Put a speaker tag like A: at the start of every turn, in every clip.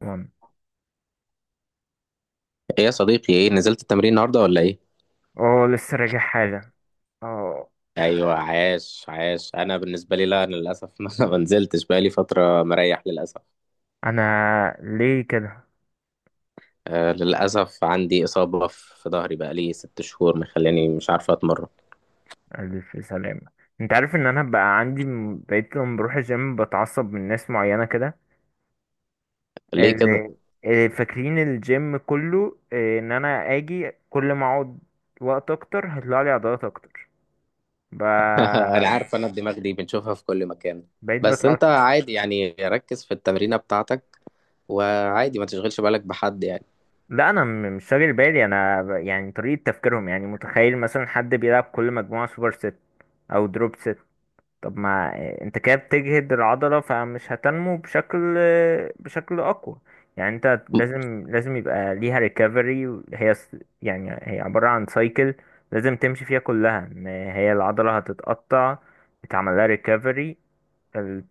A: وان
B: ايه يا صديقي، ايه نزلت التمرين النهارده ولا ايه؟
A: اه لسه راجع حالا. اه
B: ايوه، عاش عاش. انا بالنسبه لي لا، انا للاسف ما نزلتش بقالي فتره مريح للاسف.
A: انا ليه كده؟
B: آه للاسف، عندي اصابه في ظهري بقالي 6 شهور مخلاني مش عارفه اتمرن.
A: الف سلامة. انت عارف ان انا بقى عندي بقيت لما بروح الجيم بتعصب من ناس معينة كده،
B: ليه كده؟
A: اللي اللي فاكرين الجيم كله، ان انا اجي كل ما اقعد وقت اكتر هيطلع لي عضلات اكتر. ب...
B: انا عارف، انا الدماغ دي بنشوفها في كل مكان.
A: بقيت
B: بس انت
A: بتعصب.
B: عادي يعني، ركز في التمرينه بتاعتك، وعادي ما تشغلش بالك بحد يعني.
A: لا، انا مش شاغل بالي، انا يعني طريقة تفكيرهم، يعني متخيل مثلا حد بيلعب كل مجموعة سوبر ست او دروب ست. طب ما، آه، انت كده بتجهد العضلة فمش هتنمو بشكل بشكل أقوى. يعني انت لازم يبقى ليها ريكفري هي يعني هي عبارة عن سايكل، لازم تمشي فيها كلها، ان هي العضلة هتتقطع يتعمل لها ريكفري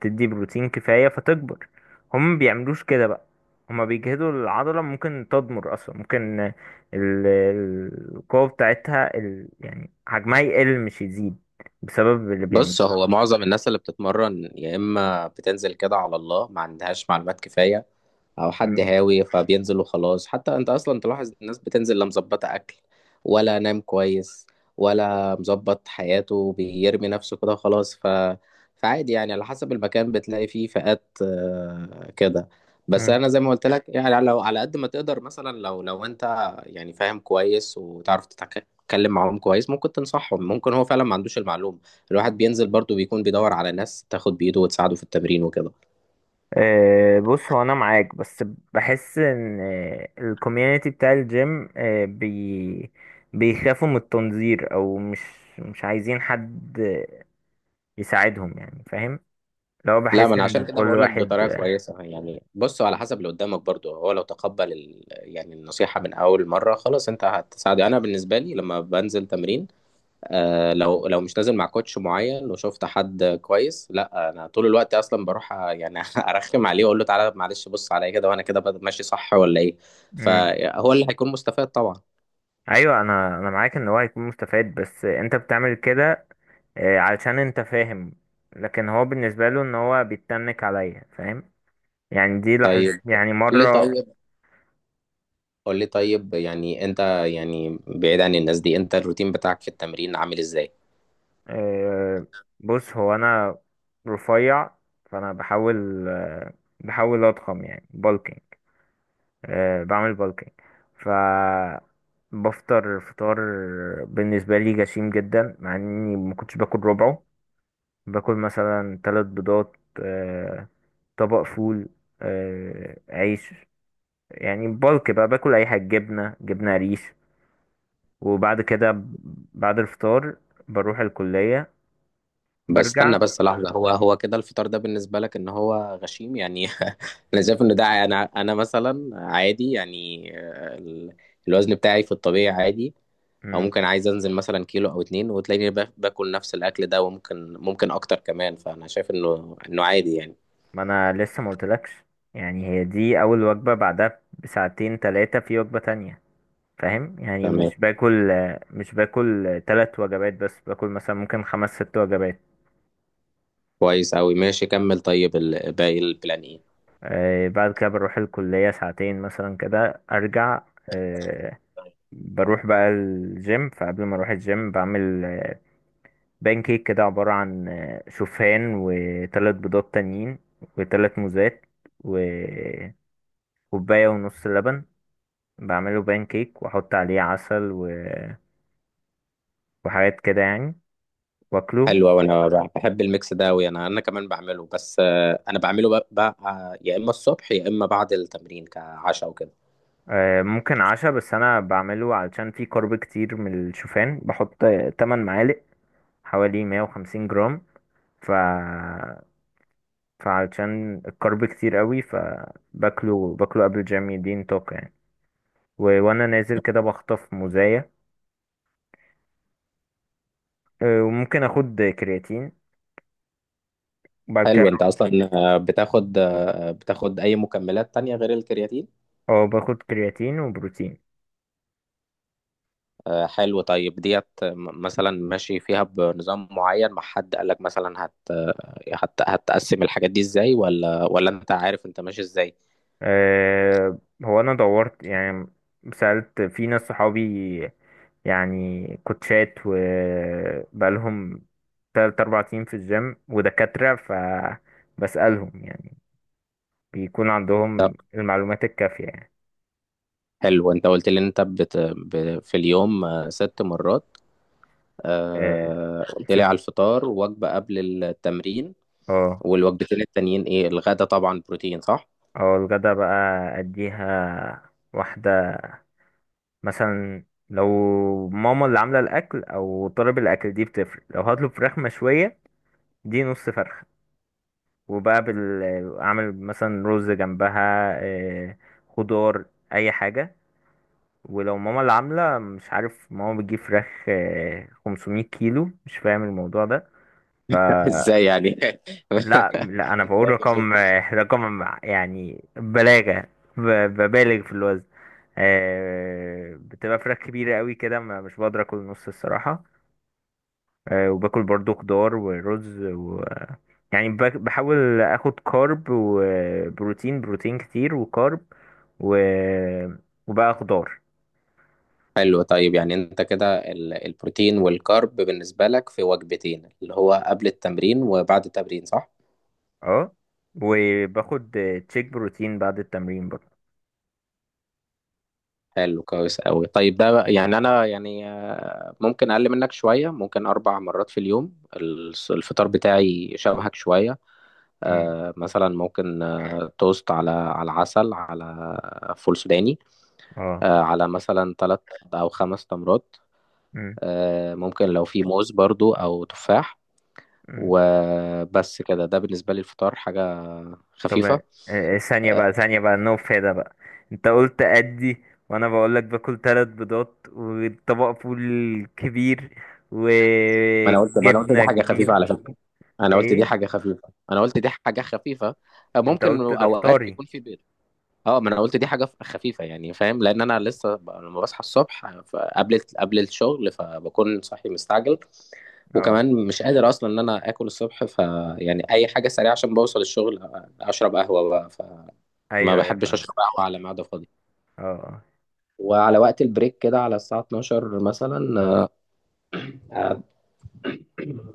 A: تدي بروتين كفاية فتكبر. هم ما بيعملوش كده بقى، هما بيجهدوا العضلة ممكن تضمر أصلا، ممكن القوة بتاعتها يعني حجمها يقل مش يزيد بسبب اللي بيعمله.
B: بص، هو معظم الناس اللي بتتمرن يا اما بتنزل كده على الله ما عندهاش معلومات كفايه، او حد هاوي فبينزل وخلاص. حتى انت اصلا تلاحظ الناس بتنزل لا مظبطه اكل ولا نام كويس ولا مظبط حياته، بيرمي نفسه كده خلاص، ف فعادي يعني، على حسب المكان بتلاقي فيه فئات كده. بس
A: مم.
B: انا زي ما قلت لك، يعني لو على قد ما تقدر، مثلا لو انت يعني فاهم كويس وتعرف تتكلم معاهم كويس، ممكن تنصحهم، ممكن هو فعلا ما عندوش المعلومة. الواحد بينزل برضه بيكون بيدور على ناس تاخد بإيده وتساعده في التمرين وكده.
A: آه، بص هو انا معاك، بس بحس ان الكوميونتي بتاع الجيم آه، بي بيخافوا من التنظير، او مش عايزين حد يساعدهم، يعني فاهم، لو
B: لا، ما
A: بحس
B: انا
A: ان
B: عشان كده
A: كل
B: بقول لك،
A: واحد.
B: بطريقه كويسه يعني، بصوا على حسب اللي قدامك برضو، هو لو تقبل يعني النصيحه من اول مره خلاص، انت هتساعده. انا بالنسبه لي لما بنزل تمرين، آه لو مش نازل مع كوتش معين وشفت حد كويس، لا انا طول الوقت اصلا بروح يعني ارخم عليه واقول له تعالى معلش بص عليا كده، وانا كده ماشي صح ولا ايه.
A: مم.
B: فهو اللي هيكون مستفاد طبعا.
A: ايوه، انا معاك ان هو هيكون مستفاد، بس انت بتعمل كده علشان انت فاهم. لكن هو بالنسبه له ان هو بيتنك عليا، فاهم؟ يعني دي لحظة
B: طيب
A: يعني
B: قول لي
A: مرة.
B: طيب قول لي طيب يعني انت، يعني بعيد عن الناس دي، انت الروتين بتاعك في التمرين عامل ازاي؟
A: آه، بص هو انا رفيع، فانا بحاول بحاول اضخم، يعني بالكينج. أه، بعمل بالكينج. ف، بفطر فطار بالنسبه لي جسيم جدا، مع اني ما كنتش باكل ربعه. باكل مثلا ثلاث بيضات، آه، طبق فول، آه، عيش، يعني بالك بقى باكل اي حاجه، جبنه، جبنه قريش. وبعد كده، بعد الفطار بروح الكليه،
B: بس
A: برجع.
B: استنى بس لحظة، هو كده الفطار ده بالنسبة لك ان هو غشيم يعني؟ انا شايف ان ده انا مثلا عادي يعني الوزن بتاعي في الطبيعي عادي، او ممكن عايز انزل مثلا كيلو او اتنين، وتلاقيني باكل نفس الاكل ده، وممكن ممكن اكتر كمان، فانا شايف انه عادي يعني.
A: ما انا لسه ما قلتلكش، يعني هي دي اول وجبة، بعدها بساعتين ثلاثة في وجبة تانية، فاهم؟ يعني
B: تمام.
A: مش باكل، مش باكل ثلاث وجبات، بس باكل مثلا ممكن خمس ست وجبات.
B: كويس اوي، ماشي، كمل. طيب باقي البلان ايه؟
A: آه، بعد كده بروح الكلية ساعتين مثلا كده ارجع. آه، بروح بقى الجيم، فقبل ما اروح الجيم بعمل بانكيك كده، عبارة عن شوفان وثلاث بيضات تانيين وثلاث موزات وكوباية ونص لبن. بعمله بان كيك واحط عليه عسل وحاجات كده يعني، واكله.
B: حلوة، وانا بحب الميكس ده اوي، انا انا كمان بعمله، بس انا بعمله بقى يا اما الصبح يا اما بعد التمرين كعشاء وكده.
A: آه، ممكن عشا، بس انا بعمله علشان فيه كارب كتير. من الشوفان بحط 8 معالق، حوالي 150 جرام. ف فعلشان الكارب كتير قوي فباكله، باكله قبل الجيم، يديني طاقة يعني. وانا نازل كده بخطف موزاية. آه، وممكن اخد كرياتين. وبعد كده،
B: حلو. انت اصلا بتاخد اي مكملات تانية غير الكرياتين؟
A: اه باخد كرياتين وبروتين.
B: حلو. طيب ديت مثلا ماشي فيها بنظام معين مع حد قالك مثلا هت هت هتقسم الحاجات دي ازاي، ولا انت عارف انت ماشي ازاي؟
A: آه، هو انا دورت يعني، سألت في ناس صحابي، يعني كوتشات وبقالهم 3 أو 4 سنين في الجيم ودكاترة، فبسألهم يعني بيكون
B: طب
A: عندهم المعلومات الكافية يعني.
B: حلو. انت قلت لي ان انت في اليوم ست مرات،
A: آه،
B: قلت لي
A: ست.
B: على الفطار، وجبة قبل التمرين،
A: اه.
B: والوجبتين التانيين ايه؟ الغدا طبعا بروتين صح؟
A: اه الغدا بقى، أديها واحدة، مثلا لو ماما اللي عاملة الأكل أو طالب الأكل دي بتفرق. لو هطلب فراخ مشوية، دي نص فرخة، وبقى اعمل مثلا رز جنبها، آه، خضار، اي حاجه. ولو ماما اللي عامله، مش عارف، ماما بتجيب فراخ، آه، 500 كيلو، مش فاهم الموضوع ده. ف
B: ازاي يعني؟
A: لا لا، انا بقول
B: ازاي خسرت؟
A: رقم، آه، رقم يعني بلاغه. ب... ببالغ في الوزن. آه، بتبقى فراخ كبيره قوي كده، مش بقدر اكل نص الصراحه. آه، وباكل برضو خضار ورز و، يعني بحاول اخد كارب وبروتين، بروتين كتير وكارب و... وبقى خضار.
B: حلو. طيب يعني انت كده البروتين والكارب بالنسبة لك في وجبتين، اللي هو قبل التمرين وبعد التمرين، صح؟
A: اه، وباخد تشيك بروتين بعد التمرين برضه.
B: حلو كويس قوي. طيب ده بقى، يعني انا يعني ممكن اقل منك شوية، ممكن اربع مرات في اليوم. الفطار بتاعي شبهك شوية،
A: امم.
B: مثلا ممكن توست على عسل، على فول سوداني،
A: اه.
B: على مثلا ثلاث او خمس تمرات،
A: امم.
B: ممكن لو في موز برضو او تفاح،
A: امم.
B: وبس كده. ده بالنسبة لي الفطار حاجة
A: طب، آه،
B: خفيفة.
A: ثانية بقى، ثانية بقى، no فايدة بقى. انت قلت ادي، وانا بقولك باكل ثلاث بيضات وطبق فول كبير
B: ما انا قلت دي
A: وجبنة
B: حاجه خفيفه
A: كبير.
B: على فكره، انا قلت دي
A: ايه،
B: حاجه خفيفه، انا قلت دي حاجه خفيفه،
A: انت
B: ممكن
A: قلت ده
B: اوقات
A: فطاري.
B: يكون في بيض. اه، ما انا قلت دي حاجه خفيفه يعني، فاهم، لان انا لسه لما بصحى الصبح قبل الشغل فبكون صاحي مستعجل،
A: اه.
B: وكمان مش قادر اصلا ان انا اكل الصبح ف يعني اي حاجه سريعه عشان بوصل الشغل، اشرب قهوه بقى، فما
A: ايوه ايوه
B: بحبش
A: فاهم.
B: اشرب قهوه على معده فاضيه.
A: اه.
B: وعلى وقت البريك كده على الساعة 12 مثلا، آه،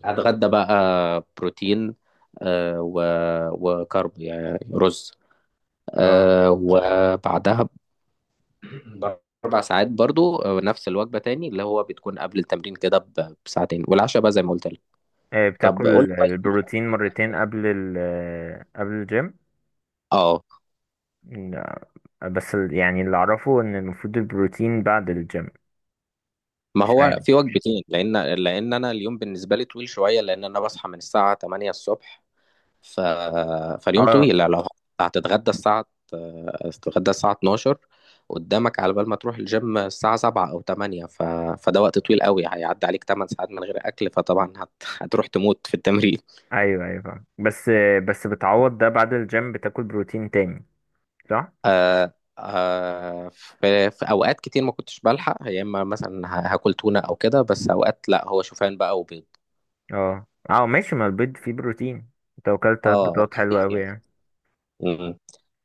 B: هتغدى بقى بروتين، آه، و- وكارب يعني رز،
A: اه. اه.
B: وبعدها بأربع ساعات برضو نفس الوجبة تاني، اللي هو بتكون قبل التمرين كده بساعتين، والعشاء بقى زي ما قلت لك.
A: آه،
B: طب قول
A: بتاكل
B: طيب.
A: البروتين مرتين قبل قبل الجيم؟
B: اه،
A: لا، بس يعني اللي اعرفه ان المفروض البروتين بعد الجيم.
B: ما
A: مش
B: هو
A: عارف.
B: في وجبتين لأن أنا اليوم بالنسبة لي طويل شوية، لأن أنا بصحى من الساعة 8 الصبح ف... فاليوم
A: اه.
B: طويل يعني، لو هتتغدى الساعة هتتغدى الساعة 12 قدامك، على بال ما تروح الجيم الساعة 7 أو 8 ف... فده وقت طويل قوي، هيعدي عليك 8 ساعات من غير أكل، فطبعا هتروح تموت في التمرين.
A: ايوه ايوه فاهم، بس، بس بتعوض ده بعد الجيم، بتاكل بروتين تاني، صح؟
B: آه... آه... في أوقات كتير ما كنتش بلحق، يا إما مثلا هاكل تونة أو كده، بس أوقات لأ، هو شوفان بقى وبيض.
A: اه. اه ماشي، ما البيض فيه بروتين، انت اكلت ثلاث
B: اه،
A: بيضات حلوه
B: الخفيف
A: قوي
B: يعني.
A: يعني.
B: مم.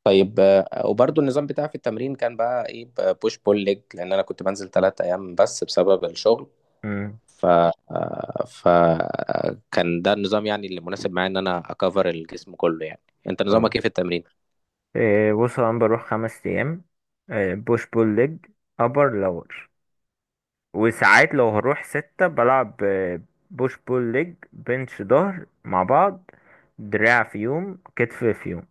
B: طيب، وبرضو النظام بتاعي في التمرين كان بقى ايه؟ بوش بول ليج، لان انا كنت بنزل 3 ايام بس بسبب الشغل،
A: امم.
B: ف آه، ف آه، كان ده النظام يعني اللي مناسب معايا، ان انا اكفر الجسم كله يعني. انت نظامك
A: اه.
B: ايه في التمرين؟
A: إيه، بص انا بروح 5 ايام. إيه، بوش بول ليج، ابر لور. وساعات لو هروح ستة بلعب، آه، بوش بول ليج، بنش ظهر مع بعض، دراع في يوم، كتف في يوم.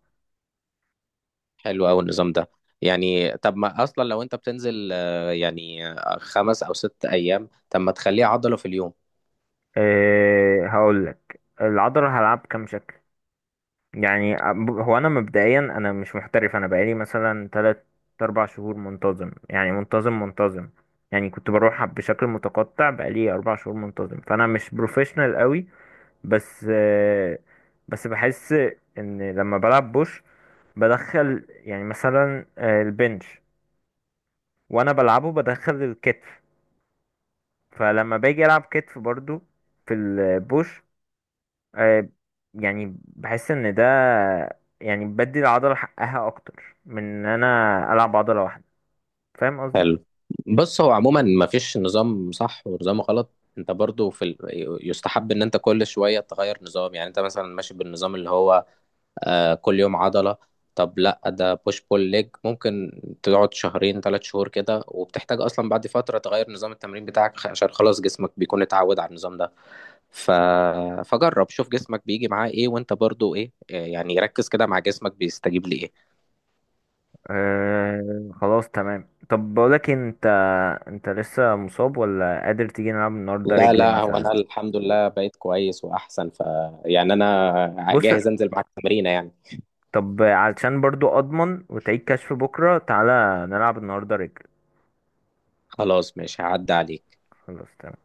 B: حلو قوي النظام ده. يعني طب ما اصلا لو انت بتنزل خمس او ست ايام، طب ما تخليه عضلة في اليوم.
A: أه، هقولك العضلة هلعب كام شكل. يعني هو أنا مبدئيا أنا مش محترف، أنا بقالي مثلا 3 أو 4 شهور منتظم، يعني منتظم منتظم. يعني كنت بروح بشكل متقطع، بقالي 4 شهور منتظم، فأنا مش بروفيشنال قوي. بس أه، بس بحس إن لما بلعب بوش بدخل، يعني مثلا آه، البنش، وانا بلعبه بدخل الكتف، فلما باجي العب كتف برضو في البوش. آه، يعني بحس ان ده يعني بدي العضلة حقها اكتر من ان انا العب عضلة واحدة، فاهم قصدي؟
B: حلو. بص هو عموما ما فيش نظام صح ونظام غلط، انت برضو في يستحب ان انت كل شوية تغير نظام. يعني انت مثلا ماشي بالنظام اللي هو آه كل يوم عضلة، طب لا، ده بوش بول ليج ممكن تقعد شهرين 3 شهور كده، وبتحتاج اصلا بعد فترة تغير نظام التمرين بتاعك، عشان خلاص جسمك بيكون اتعود على النظام ده ف... فجرب شوف جسمك بيجي معاه ايه، وانت برضو ايه، يعني ركز كده مع جسمك بيستجيب لايه.
A: آه، خلاص تمام. طب بقولك إيه، انت لسه مصاب ولا قادر تيجي نلعب النهارده
B: لا
A: رجل
B: لا، هو
A: مثلا؟
B: انا الحمد لله بقيت كويس واحسن، ف يعني انا
A: بص،
B: جاهز انزل معاك تمرينه يعني.
A: طب علشان برضو اضمن وتعيد كشف بكره، تعالى نلعب النهارده رجل.
B: خلاص ماشي، هعدي عليك.
A: خلاص تمام.